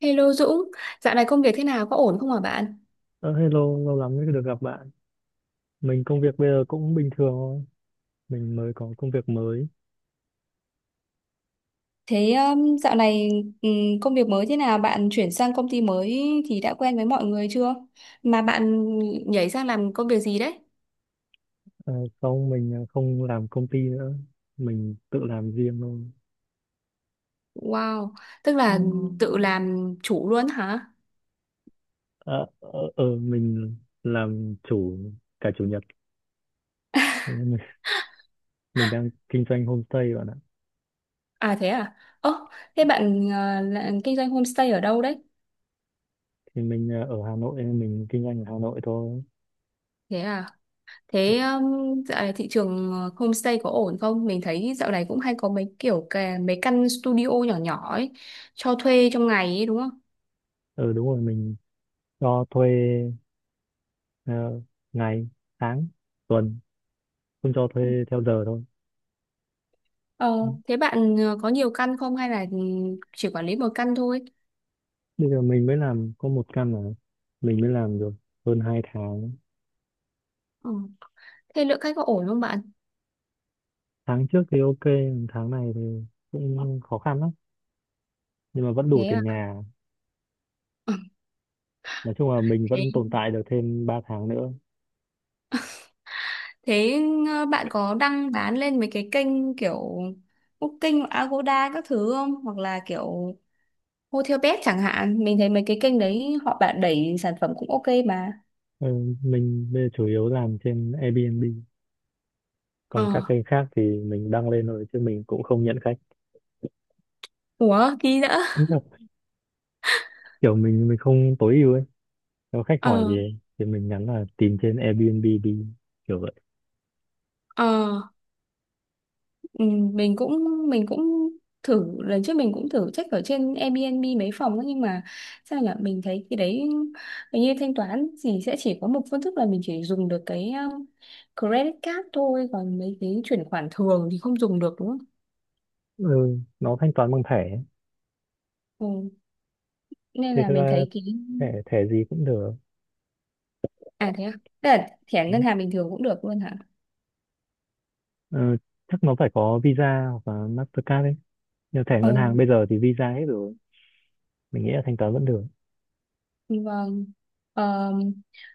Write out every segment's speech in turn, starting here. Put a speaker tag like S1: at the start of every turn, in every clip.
S1: Hello Dũng, dạo này công việc thế nào, có ổn không hả bạn?
S2: Ờ, Hello, lâu lắm mới được gặp bạn. Mình công việc bây giờ cũng bình thường thôi. Mình mới có công việc mới.
S1: Thế dạo này công việc mới thế nào? Bạn chuyển sang công ty mới thì đã quen với mọi người chưa? Mà bạn nhảy sang làm công việc gì đấy?
S2: Ờ, Sau mình không làm công ty nữa. Mình tự làm riêng thôi.
S1: Wow, tức, Ừ, là, Ừ, tự làm chủ luôn hả?
S2: Ờ, mình làm chủ cả chủ nhật. Ừ, mình đang kinh doanh homestay bạn ạ.
S1: À thế à? Ơ, thế bạn là, kinh doanh homestay ở đâu đấy?
S2: Thì mình ở Hà Nội, nên mình kinh doanh ở Hà Nội thôi.
S1: Thế à? Thế dạo này thị trường homestay có ổn không? Mình thấy dạo này cũng hay có mấy kiểu cái, mấy căn studio nhỏ nhỏ ấy, cho thuê trong ngày ấy đúng không?
S2: Ừ, đúng rồi, mình cho thuê ờ, ngày, tháng, tuần. Không cho thuê theo giờ thôi.
S1: Ờ, thế bạn có nhiều căn không hay là chỉ quản lý một căn thôi?
S2: Bây giờ mình mới làm có một căn mà mình mới làm được hơn 2 tháng.
S1: Ờ. Thế lượng khách có ổn không bạn?
S2: Tháng trước thì ok, tháng này thì cũng khó khăn lắm, nhưng mà vẫn đủ
S1: Thế
S2: tiền
S1: à?
S2: nhà.
S1: Ờ,
S2: Nói chung là mình
S1: Thế,
S2: vẫn tồn tại được thêm 3 tháng nữa.
S1: thế, bạn có đăng bán lên mấy cái kênh kiểu Booking, Agoda các thứ không? Hoặc là kiểu Hotelbed chẳng hạn. Mình thấy mấy cái kênh đấy họ bạn đẩy sản phẩm cũng ok mà.
S2: Ừ, mình bây giờ chủ yếu làm trên Airbnb,
S1: Ờ,
S2: còn các kênh khác thì mình đăng lên rồi chứ mình cũng không nhận khách.
S1: ủa, ký nữa.
S2: Đúng rồi. Kiểu mình không tối ưu ấy. Nếu khách hỏi gì
S1: Ờ,
S2: ấy, thì mình nhắn là tìm trên Airbnb đi, kiểu vậy.
S1: ờ. Ừ, mình cũng mình cũng thử lần trước mình cũng thử check ở trên Airbnb mấy phòng ấy, nhưng mà sao nhỉ mình thấy cái đấy hình như thanh toán thì sẽ chỉ có một phương thức là mình chỉ dùng được cái credit card thôi, còn mấy cái chuyển khoản thường thì không dùng được đúng không?
S2: Ừ, nó thanh toán bằng thẻ ấy.
S1: Ừ. Nên
S2: Thì
S1: là
S2: thực
S1: mình
S2: ra
S1: thấy cái,
S2: thẻ thẻ gì cũng được.
S1: à thế à? Tức là thẻ ngân hàng bình thường cũng được luôn hả?
S2: Ờ, Chắc nó phải có Visa hoặc là Mastercard ấy. Như thẻ ngân hàng
S1: Ừ,
S2: bây giờ thì Visa hết rồi. Mình nghĩ là thanh toán vẫn được.
S1: vâng. Ờ,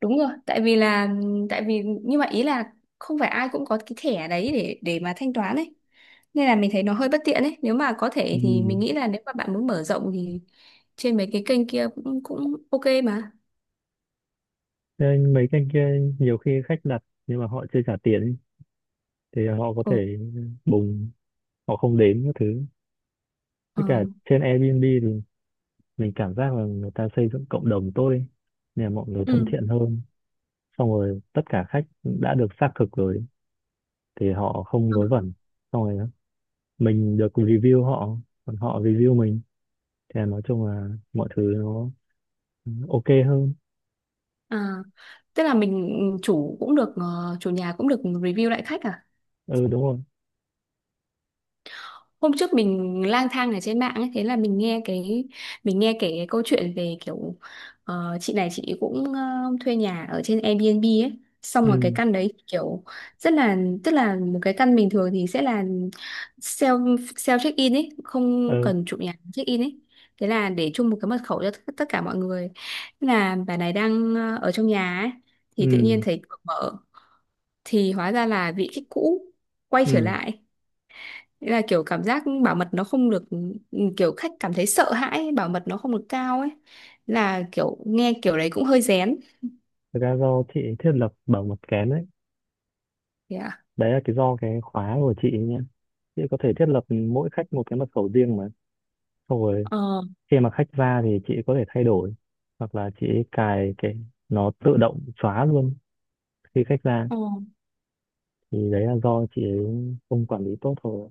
S1: đúng rồi, tại vì là, tại vì nhưng mà ý là không phải ai cũng có cái thẻ đấy để mà thanh toán ấy, nên là mình thấy nó hơi bất tiện ấy. Nếu mà có thể
S2: Ừ.
S1: thì mình nghĩ là nếu mà bạn muốn mở rộng thì trên mấy cái kênh kia cũng cũng ok mà.
S2: Nên mấy cái kia, nhiều khi khách đặt nhưng mà họ chưa trả tiền ấy. Thì họ có
S1: Ừ,
S2: thể bùng, họ không đến các thứ. Với
S1: ờ,
S2: cả trên Airbnb thì mình cảm giác là người ta xây dựng cộng đồng tốt ấy. Nên là mọi người thân
S1: ừ.
S2: thiện hơn. Xong rồi tất cả khách đã được xác thực rồi thì họ không vớ vẩn. Xong rồi mình được review họ, còn họ review mình. Thì nói chung là mọi thứ nó, ừ, ok hơn.
S1: À, tức là mình chủ cũng được, chủ nhà cũng được review lại khách à?
S2: Ừ, đúng rồi.
S1: Hôm trước mình lang thang ở trên mạng ấy, thế là mình nghe kể cái câu chuyện về kiểu, chị này chị cũng, thuê nhà ở trên Airbnb ấy, xong rồi cái
S2: Ừ,
S1: căn đấy kiểu rất là, tức là một cái căn bình thường thì sẽ là self self check in ấy, không
S2: ừ,
S1: cần chủ nhà check in ấy, thế là để chung một cái mật khẩu cho tất tất cả mọi người. Thế là bà này đang, ở trong nhà ấy thì tự
S2: ừ,
S1: nhiên thấy cửa mở, thì hóa ra là vị khách cũ quay
S2: ừ,
S1: trở lại. Nghĩa là kiểu cảm giác bảo mật nó không được, ừ, kiểu khách cảm thấy sợ hãi ấy, bảo mật nó không được cao ấy, là kiểu nghe kiểu đấy cũng hơi rén.
S2: thực ra do chị thiết lập bảo mật kén đấy.
S1: Thế à?
S2: Đấy là cái do cái khóa của chị nhé, chị có thể thiết lập mỗi khách một cái mật khẩu riêng mà, xong rồi
S1: Ờ,
S2: khi mà khách ra thì chị có thể thay đổi, hoặc là chị ấy cài cái nó tự động xóa luôn khi khách ra.
S1: ờ,
S2: Thì đấy là do chị ấy không quản lý tốt thôi.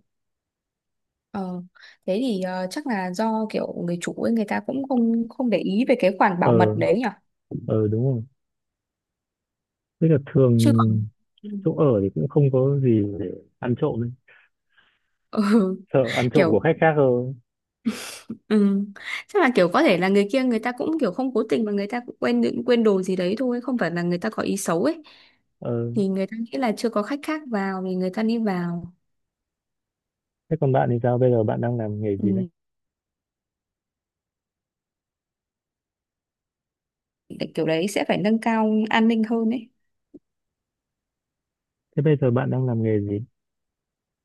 S1: ờ. Thế thì chắc là do kiểu người chủ ấy, người ta cũng không không để ý về cái khoản bảo mật
S2: ờ
S1: đấy nhỉ?
S2: ờ Đúng rồi, tức là
S1: Chứ còn
S2: thường chỗ ở thì cũng không có gì để ăn trộm ấy.
S1: ừ,
S2: Sợ ăn trộm của
S1: kiểu.
S2: khách khác hơn.
S1: Ừ. Chắc là kiểu có thể là người kia người ta cũng kiểu không cố tình, mà người ta cũng quên quên đồ gì đấy thôi, không phải là người ta có ý xấu ấy, thì người ta nghĩ là chưa có khách khác vào thì người ta đi vào.
S2: Thế còn bạn thì sao? Bây giờ bạn đang làm nghề gì đấy?
S1: Ừ. Kiểu đấy sẽ phải nâng cao an ninh hơn ấy.
S2: Thế bây giờ bạn đang làm nghề gì?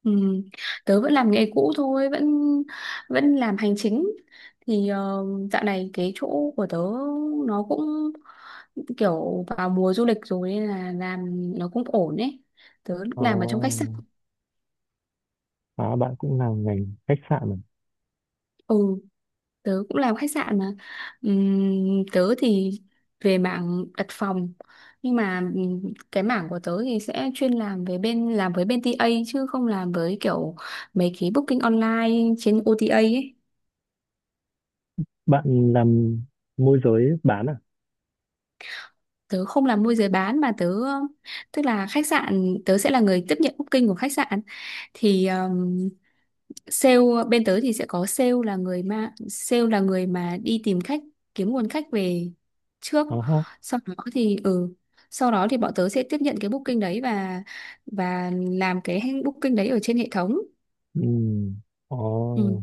S1: Ừ. Tớ vẫn làm nghề cũ thôi, vẫn vẫn làm hành chính. Thì dạo này cái chỗ của tớ nó cũng kiểu vào mùa du lịch rồi, nên là làm nó cũng ổn ấy. Tớ
S2: Ờ,
S1: làm ở trong khách sạn.
S2: À, bạn cũng làm ngành khách sạn à?
S1: Ừ, tớ cũng làm khách sạn mà. Tớ thì về mảng đặt phòng, nhưng mà cái mảng của tớ thì sẽ chuyên làm về bên, làm với bên tê A, chứ không làm với kiểu mấy cái booking online trên OTA ấy.
S2: Bạn làm môi giới bán à?
S1: Tớ không làm môi giới bán, mà tớ tức là khách sạn tớ sẽ là người tiếp nhận booking của khách sạn. Thì sale bên tớ thì sẽ có sale là người mà, đi tìm khách, kiếm nguồn khách về trước,
S2: Ờ ha.
S1: sau đó thì ừ sau đó thì bọn tớ sẽ tiếp nhận cái booking đấy, và làm cái booking đấy ở trên hệ thống.
S2: Ừ. Ờ.
S1: Ừ.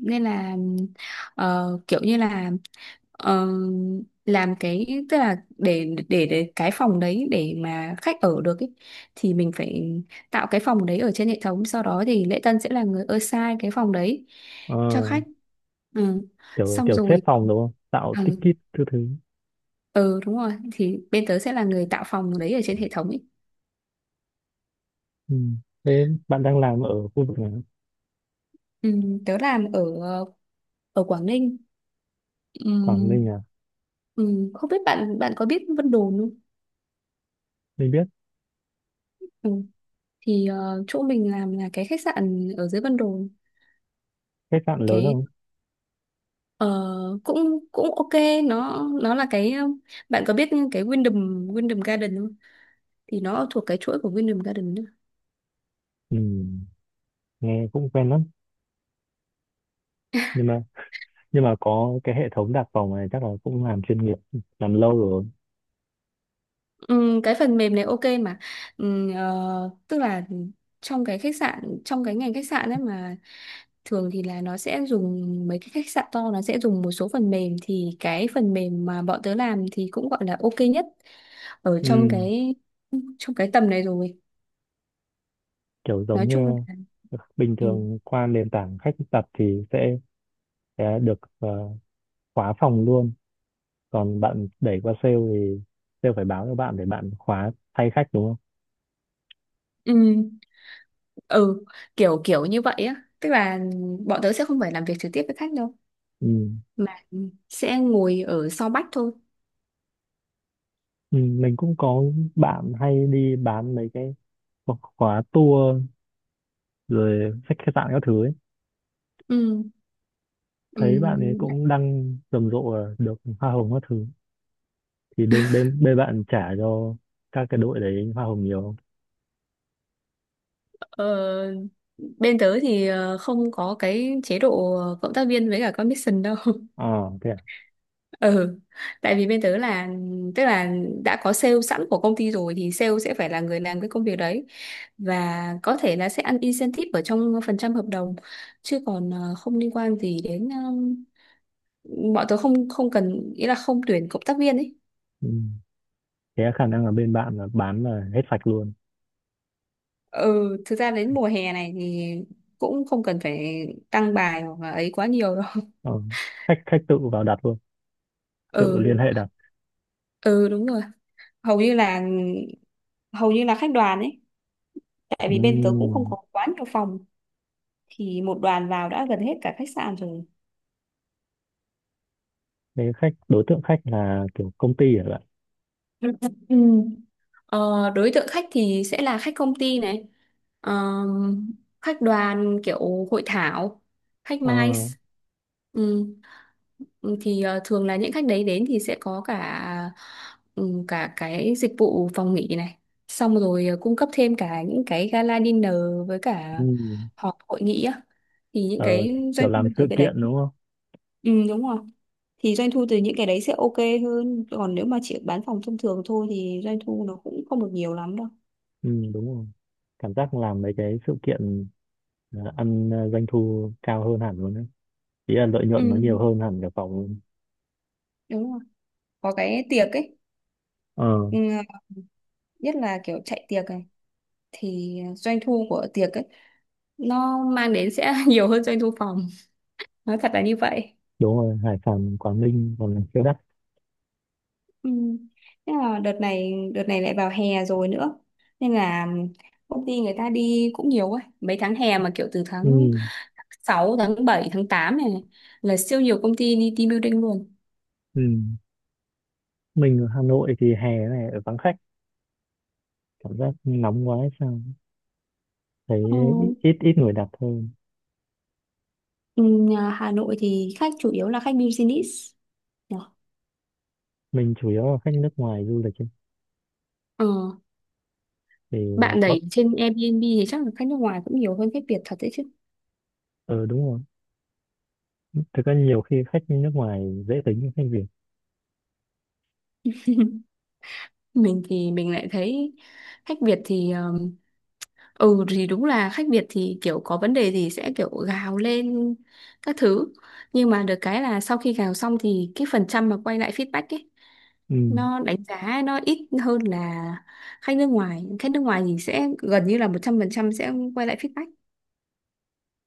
S1: Nên là kiểu như là, ờ, làm cái tức là để cái phòng đấy để mà khách ở được ý, thì mình phải tạo cái phòng đấy ở trên hệ thống, sau đó thì lễ tân sẽ là người assign cái phòng đấy
S2: Ờ.
S1: cho khách. Ừ.
S2: Kiểu,
S1: Xong
S2: kiểu xếp
S1: rồi,
S2: phòng đúng không? Tạo
S1: ừ.
S2: ticket thứ thứ.
S1: Ừ đúng rồi, thì bên tớ sẽ là người tạo phòng đấy ở trên hệ thống ý.
S2: Ừ. Thế bạn đang làm ở khu vực nào?
S1: Ừ, tớ làm ở ở Quảng Ninh. Ừ,
S2: Quảng Ninh à?
S1: ừ, không biết bạn bạn có biết Vân Đồn không?
S2: Mình biết.
S1: Ừ. Thì chỗ mình làm là cái khách sạn ở dưới Vân Đồn.
S2: Khách sạn lớn
S1: Cái
S2: không?
S1: ờ, cũng cũng ok, nó là cái, bạn có biết cái Wyndham Wyndham Garden không? Thì nó thuộc cái chuỗi của Wyndham Garden nữa.
S2: Ừ. Nghe cũng quen lắm. Nhưng mà nhưng mà có cái hệ thống đặt phòng này chắc là cũng làm chuyên nghiệp, làm lâu rồi.
S1: Cái phần mềm này ok mà. Ờ, tức là trong cái khách sạn, trong cái ngành khách sạn ấy mà, thường thì là nó sẽ dùng, mấy cái khách sạn to nó sẽ dùng một số phần mềm, thì cái phần mềm mà bọn tớ làm thì cũng gọi là ok nhất ở
S2: Ừ.
S1: trong cái tầm này rồi.
S2: Kiểu giống
S1: Nói chung là,
S2: như bình
S1: ừ,
S2: thường qua nền tảng khách tập thì sẽ được khóa phòng luôn, còn bạn đẩy qua sale thì sale phải báo cho bạn để bạn khóa thay khách đúng không?
S1: ừ, ừ, kiểu kiểu như vậy á. Tức là bọn tớ sẽ không phải làm việc trực tiếp với khách đâu,
S2: Ừ.
S1: mà sẽ ngồi ở sau bách thôi.
S2: Ừ, mình cũng có bạn hay đi bán mấy cái khóa khóa tour rồi khách khách sạn các thứ ấy.
S1: Ừ, ừ,
S2: Thấy bạn ấy cũng đăng rầm rộ là được hoa hồng các thứ, thì bên bên bên bạn trả cho các cái đội đấy hoa hồng nhiều không?
S1: ờ, bên tớ thì không có cái chế độ cộng tác viên với cả commission đâu.
S2: Ờ Thế à?
S1: Ừ, tại vì bên tớ là, tức là đã có sale sẵn của công ty rồi, thì sale sẽ phải là người làm cái công việc đấy, và có thể là sẽ ăn incentive ở trong phần trăm hợp đồng, chứ còn không liên quan gì đến, bọn tớ không không cần, ý là không tuyển cộng tác viên ấy.
S2: Ừ. Thế khả năng là bên bạn là bán là hết sạch luôn.
S1: Ừ, thực ra đến mùa hè này thì cũng không cần phải tăng bài hoặc là ấy quá nhiều đâu.
S2: Ờ, khách khách tự vào đặt luôn, tự
S1: Ừ.
S2: liên, ừ, hệ đặt.
S1: Ừ đúng rồi, hầu như là hầu như là khách đoàn ấy, tại vì bên tớ cũng không
S2: Ừm,
S1: có quá nhiều phòng, thì một đoàn vào đã gần hết cả khách sạn rồi.
S2: Thế khách đối tượng khách là kiểu công ty hả bạn?
S1: Ừ. Ừ. Ờ, đối tượng khách thì sẽ là khách công ty này, Ờm, khách đoàn kiểu hội thảo, khách
S2: ờ
S1: MICE. Ừ. Ừ, thì thường là những khách đấy đến thì sẽ có cả, ừ, cả cái dịch vụ phòng nghỉ này, xong rồi cung cấp thêm cả những cái gala dinner với cả
S2: ừm,
S1: họp hội nghị á. Thì những
S2: ờ,
S1: cái
S2: Kiểu
S1: doanh
S2: làm
S1: thu
S2: sự
S1: từ cái đấy,
S2: kiện đúng không?
S1: ừ đúng rồi, thì doanh thu từ những cái đấy sẽ ok hơn. Còn nếu mà chỉ bán phòng thông thường thôi thì doanh thu nó cũng không được nhiều lắm đâu.
S2: Ừ, đúng rồi. Cảm giác làm mấy cái sự kiện ăn doanh thu cao hơn hẳn luôn đấy, ý là lợi
S1: Ừ.
S2: nhuận nó nhiều hơn hẳn cả phòng luôn.
S1: Đúng rồi. Có cái tiệc ấy,
S2: ờ
S1: ừ, nhất là kiểu chạy tiệc này thì doanh thu của tiệc ấy nó mang đến sẽ nhiều hơn doanh thu phòng. Nói thật là như vậy.
S2: Đúng rồi, Hải Phòng Quảng Ninh còn là siêu đắt.
S1: Ừ. Thế là đợt này lại vào hè rồi nữa, nên là công ty người ta đi cũng nhiều ấy. Mấy tháng hè mà kiểu từ tháng
S2: Ừ,
S1: sáu tháng bảy tháng tám này này, là siêu nhiều công ty đi team building luôn.
S2: ừ. Mình ở Hà Nội thì hè này ở vắng khách, cảm giác nóng quá hay sao, thấy
S1: Ờ,
S2: ít ít ít người đặt thôi.
S1: ừ, nhà Hà Nội thì khách chủ yếu là khách business nhỉ?
S2: Mình chủ yếu là khách nước ngoài du lịch ấy.
S1: Ờ,
S2: Thì
S1: bạn
S2: có.
S1: đẩy trên Airbnb thì chắc là khách nước ngoài cũng nhiều hơn khách Việt thật đấy chứ.
S2: Ờ Đúng rồi, thực ra nhiều khi khách nước ngoài dễ tính hơn khách Việt.
S1: Mình thì mình lại thấy khách Việt thì, ừ thì đúng là khách Việt thì kiểu có vấn đề thì sẽ kiểu gào lên các thứ, nhưng mà được cái là sau khi gào xong thì cái phần trăm mà quay lại feedback ấy,
S2: Ừ,
S1: nó đánh giá nó ít hơn là khách nước ngoài. Khách nước ngoài thì sẽ gần như là 100% sẽ quay lại feedback.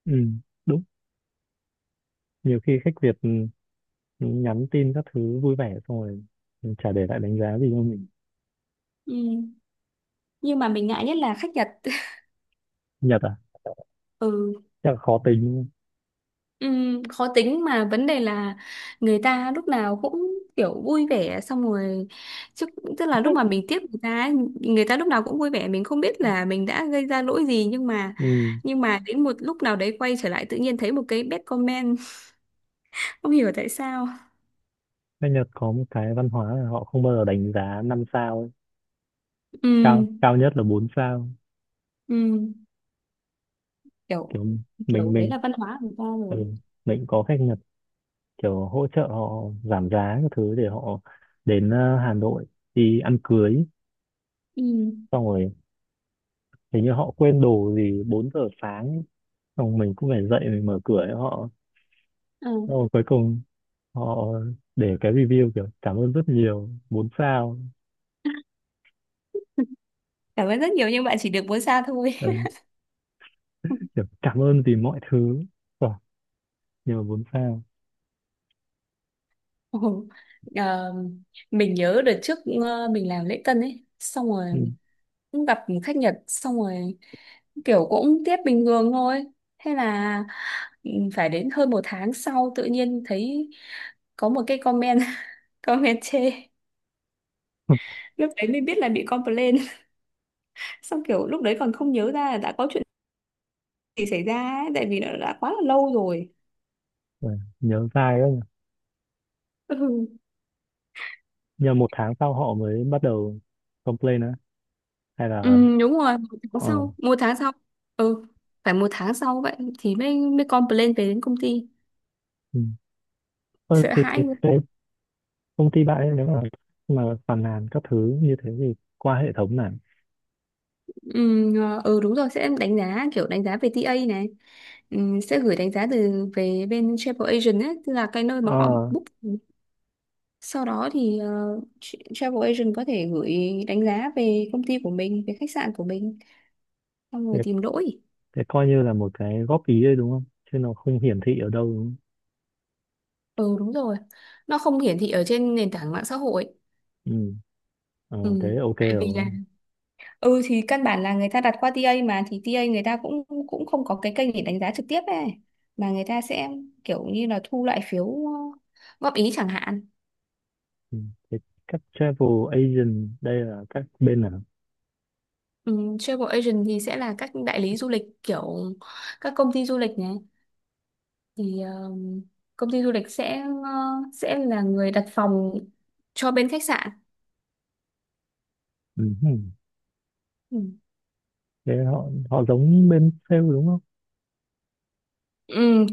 S2: ừ, đúng. Nhiều khi khách Việt ừ, nhắn tin các thứ vui vẻ xong rồi ừ, chả để lại đánh giá gì cho mình.
S1: Ừ. Nhưng mà mình ngại nhất là khách Nhật.
S2: Nhật à?
S1: Ừ.
S2: Chắc là khó tính.
S1: Khó tính, mà vấn đề là người ta lúc nào cũng kiểu vui vẻ, xong rồi chứ, tức là lúc mà mình tiếp người ta ấy, người ta lúc nào cũng vui vẻ, mình không biết là mình đã gây ra lỗi gì. Nhưng mà
S2: Ừ,
S1: đến một lúc nào đấy quay trở lại tự nhiên thấy một cái bad comment. Không hiểu tại sao.
S2: khách Nhật có một cái văn hóa là họ không bao giờ đánh giá 5 sao ấy. Cao
S1: Ừm,
S2: cao nhất là 4 sao,
S1: ừm, kiểu
S2: kiểu mình
S1: kiểu đấy
S2: mình
S1: là văn hóa của người ta rồi.
S2: ừ. Mình có khách, kiểu hỗ trợ họ giảm giá các thứ để họ đến Hà Nội đi ăn cưới.
S1: Ừm,
S2: Xong rồi hình như họ quên đồ gì 4 giờ sáng ấy. Xong mình cũng phải dậy mình mở cửa cho họ.
S1: ờ.
S2: Xong rồi cuối cùng họ để cái review kiểu cảm ơn rất nhiều, 4 sao.
S1: Cảm ơn rất nhiều nhưng bạn chỉ được 4 sao thôi.
S2: Ừ, kiểu cảm ơn vì mọi thứ. Rồi, nhưng mà 4 sao.
S1: Ồ, ờ, mình nhớ đợt trước, mình làm lễ tân ấy, xong rồi
S2: Ừ.
S1: cũng gặp khách Nhật, xong rồi kiểu cũng tiếp bình thường thôi. Thế là, ừ, phải đến hơn một tháng sau tự nhiên thấy có một cái comment. Comment chê. Lúc đấy mới biết là bị complain. Xong kiểu lúc đấy còn không nhớ ra là đã có chuyện gì xảy ra ấy, tại vì nó đã quá là lâu rồi.
S2: Rồi, nhớ dai đó nhỉ.
S1: Ừ.
S2: Nhờ một tháng sau họ mới bắt đầu complain á, hay là
S1: Ừ, đúng rồi, một tháng
S2: ờ
S1: sau, một tháng sau, ừ, phải một tháng sau vậy thì mới mới complain về đến công ty.
S2: ừ. Ờ,
S1: Sợ
S2: thì
S1: hãi.
S2: công ty bạn ấy, nếu mà phàn nàn các thứ như thế thì qua hệ thống này.
S1: Ừ, ừ đúng rồi, sẽ đánh giá kiểu đánh giá về TA này, ừ, sẽ gửi đánh giá từ về bên travel agent ấy, tức là cái nơi mà họ
S2: ờ
S1: book. Sau đó thì travel agent có thể gửi đánh giá về công ty của mình, về khách sạn của mình, xong
S2: thế,
S1: rồi tìm lỗi.
S2: thế coi như là một cái góp ý đấy đúng không, chứ nó không hiển thị ở đâu đúng không?
S1: Ừ đúng rồi, nó không hiển thị ở trên nền tảng mạng xã hội.
S2: Ừ. Thế
S1: Ừ.
S2: ok
S1: Tại vì
S2: rồi.
S1: là, ừ thì căn bản là người ta đặt qua TA mà, thì TA người ta cũng cũng không có cái kênh để đánh giá trực tiếp ấy, mà người ta sẽ kiểu như là thu lại phiếu, góp ý chẳng hạn.
S2: Ừ. Thế các travel agent đây là các bên nào?
S1: Ừ, travel agent thì sẽ là các đại lý du lịch, kiểu các công ty du lịch này, thì công ty du lịch sẽ, là người đặt phòng cho bên khách sạn.
S2: Ừ. Hừ.
S1: Ừ.
S2: Thế họ họ giống bên sale đúng không?
S1: Ừ,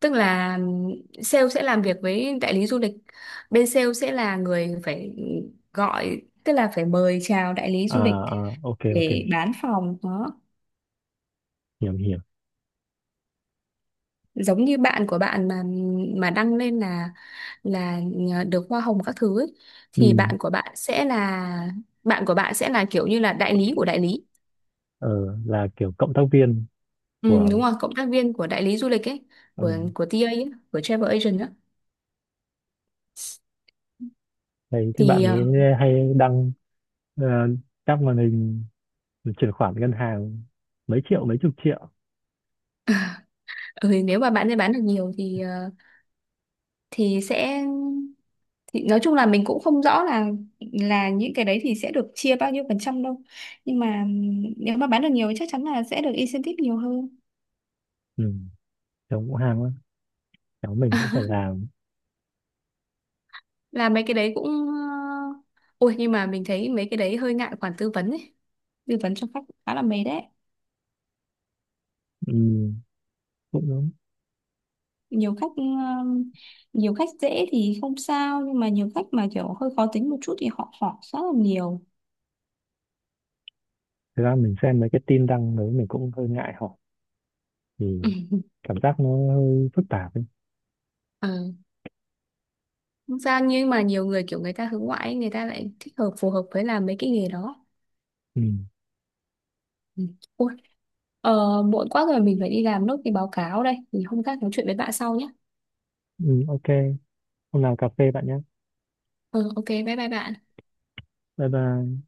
S1: tức là sale sẽ làm việc với đại lý du lịch. Bên sale sẽ là người phải gọi, tức là phải mời chào đại lý du lịch
S2: À, à ok ok,
S1: để bán phòng đó.
S2: hiểu hiểu.
S1: Giống như bạn của bạn mà, đăng lên là, là được hoa hồng các thứ ấy, thì
S2: Ừ.
S1: bạn của bạn sẽ là, kiểu như là đại lý của đại lý.
S2: ờ, là kiểu cộng tác viên
S1: Ừ,
S2: của.
S1: đúng rồi, cộng tác viên của đại lý du lịch ấy,
S2: Ừ.
S1: của TA ấy, của travel agent á.
S2: Thấy cái bạn
S1: Thì
S2: ấy hay đăng ờ, các màn hình mình chuyển khoản ngân hàng mấy triệu mấy chục triệu.
S1: ừ, nếu mà bạn ấy bán được nhiều thì, thì sẽ, thì nói chung là mình cũng không rõ là, những cái đấy thì sẽ được chia bao nhiêu phần trăm đâu, nhưng mà nếu mà bán được nhiều thì chắc chắn là sẽ được incentive nhiều hơn.
S2: Ừ. Cháu cũng ham lắm, cháu mình cũng phải làm.
S1: Là mấy cái đấy cũng, ôi nhưng mà mình thấy mấy cái đấy hơi ngại khoản tư vấn ấy, tư vấn cho khách cũng khá là mệt đấy.
S2: Ừ. Cũng đúng.
S1: Nhiều khách, ừ, nhiều khách dễ thì không sao, nhưng mà nhiều khách mà kiểu hơi khó tính một chút thì họ hỏi rất là nhiều.
S2: Thực ra mình xem mấy cái tin đăng đấy mình cũng hơi ngại hỏi, thì cảm giác nó hơi phức tạp ấy.
S1: Ừ. Không sao, nhưng mà nhiều người kiểu người ta hướng ngoại ấy, người ta lại thích hợp, phù hợp với làm mấy cái nghề đó.
S2: Ừ.
S1: Ừ. Ôi, muộn quá rồi, mình phải đi làm nốt cái báo cáo đây, thì hôm khác nói chuyện với bạn sau nhé.
S2: Ừ, ok, hôm nào cà phê bạn nhé.
S1: Ừ, ok bye bye bạn.
S2: Bye bye.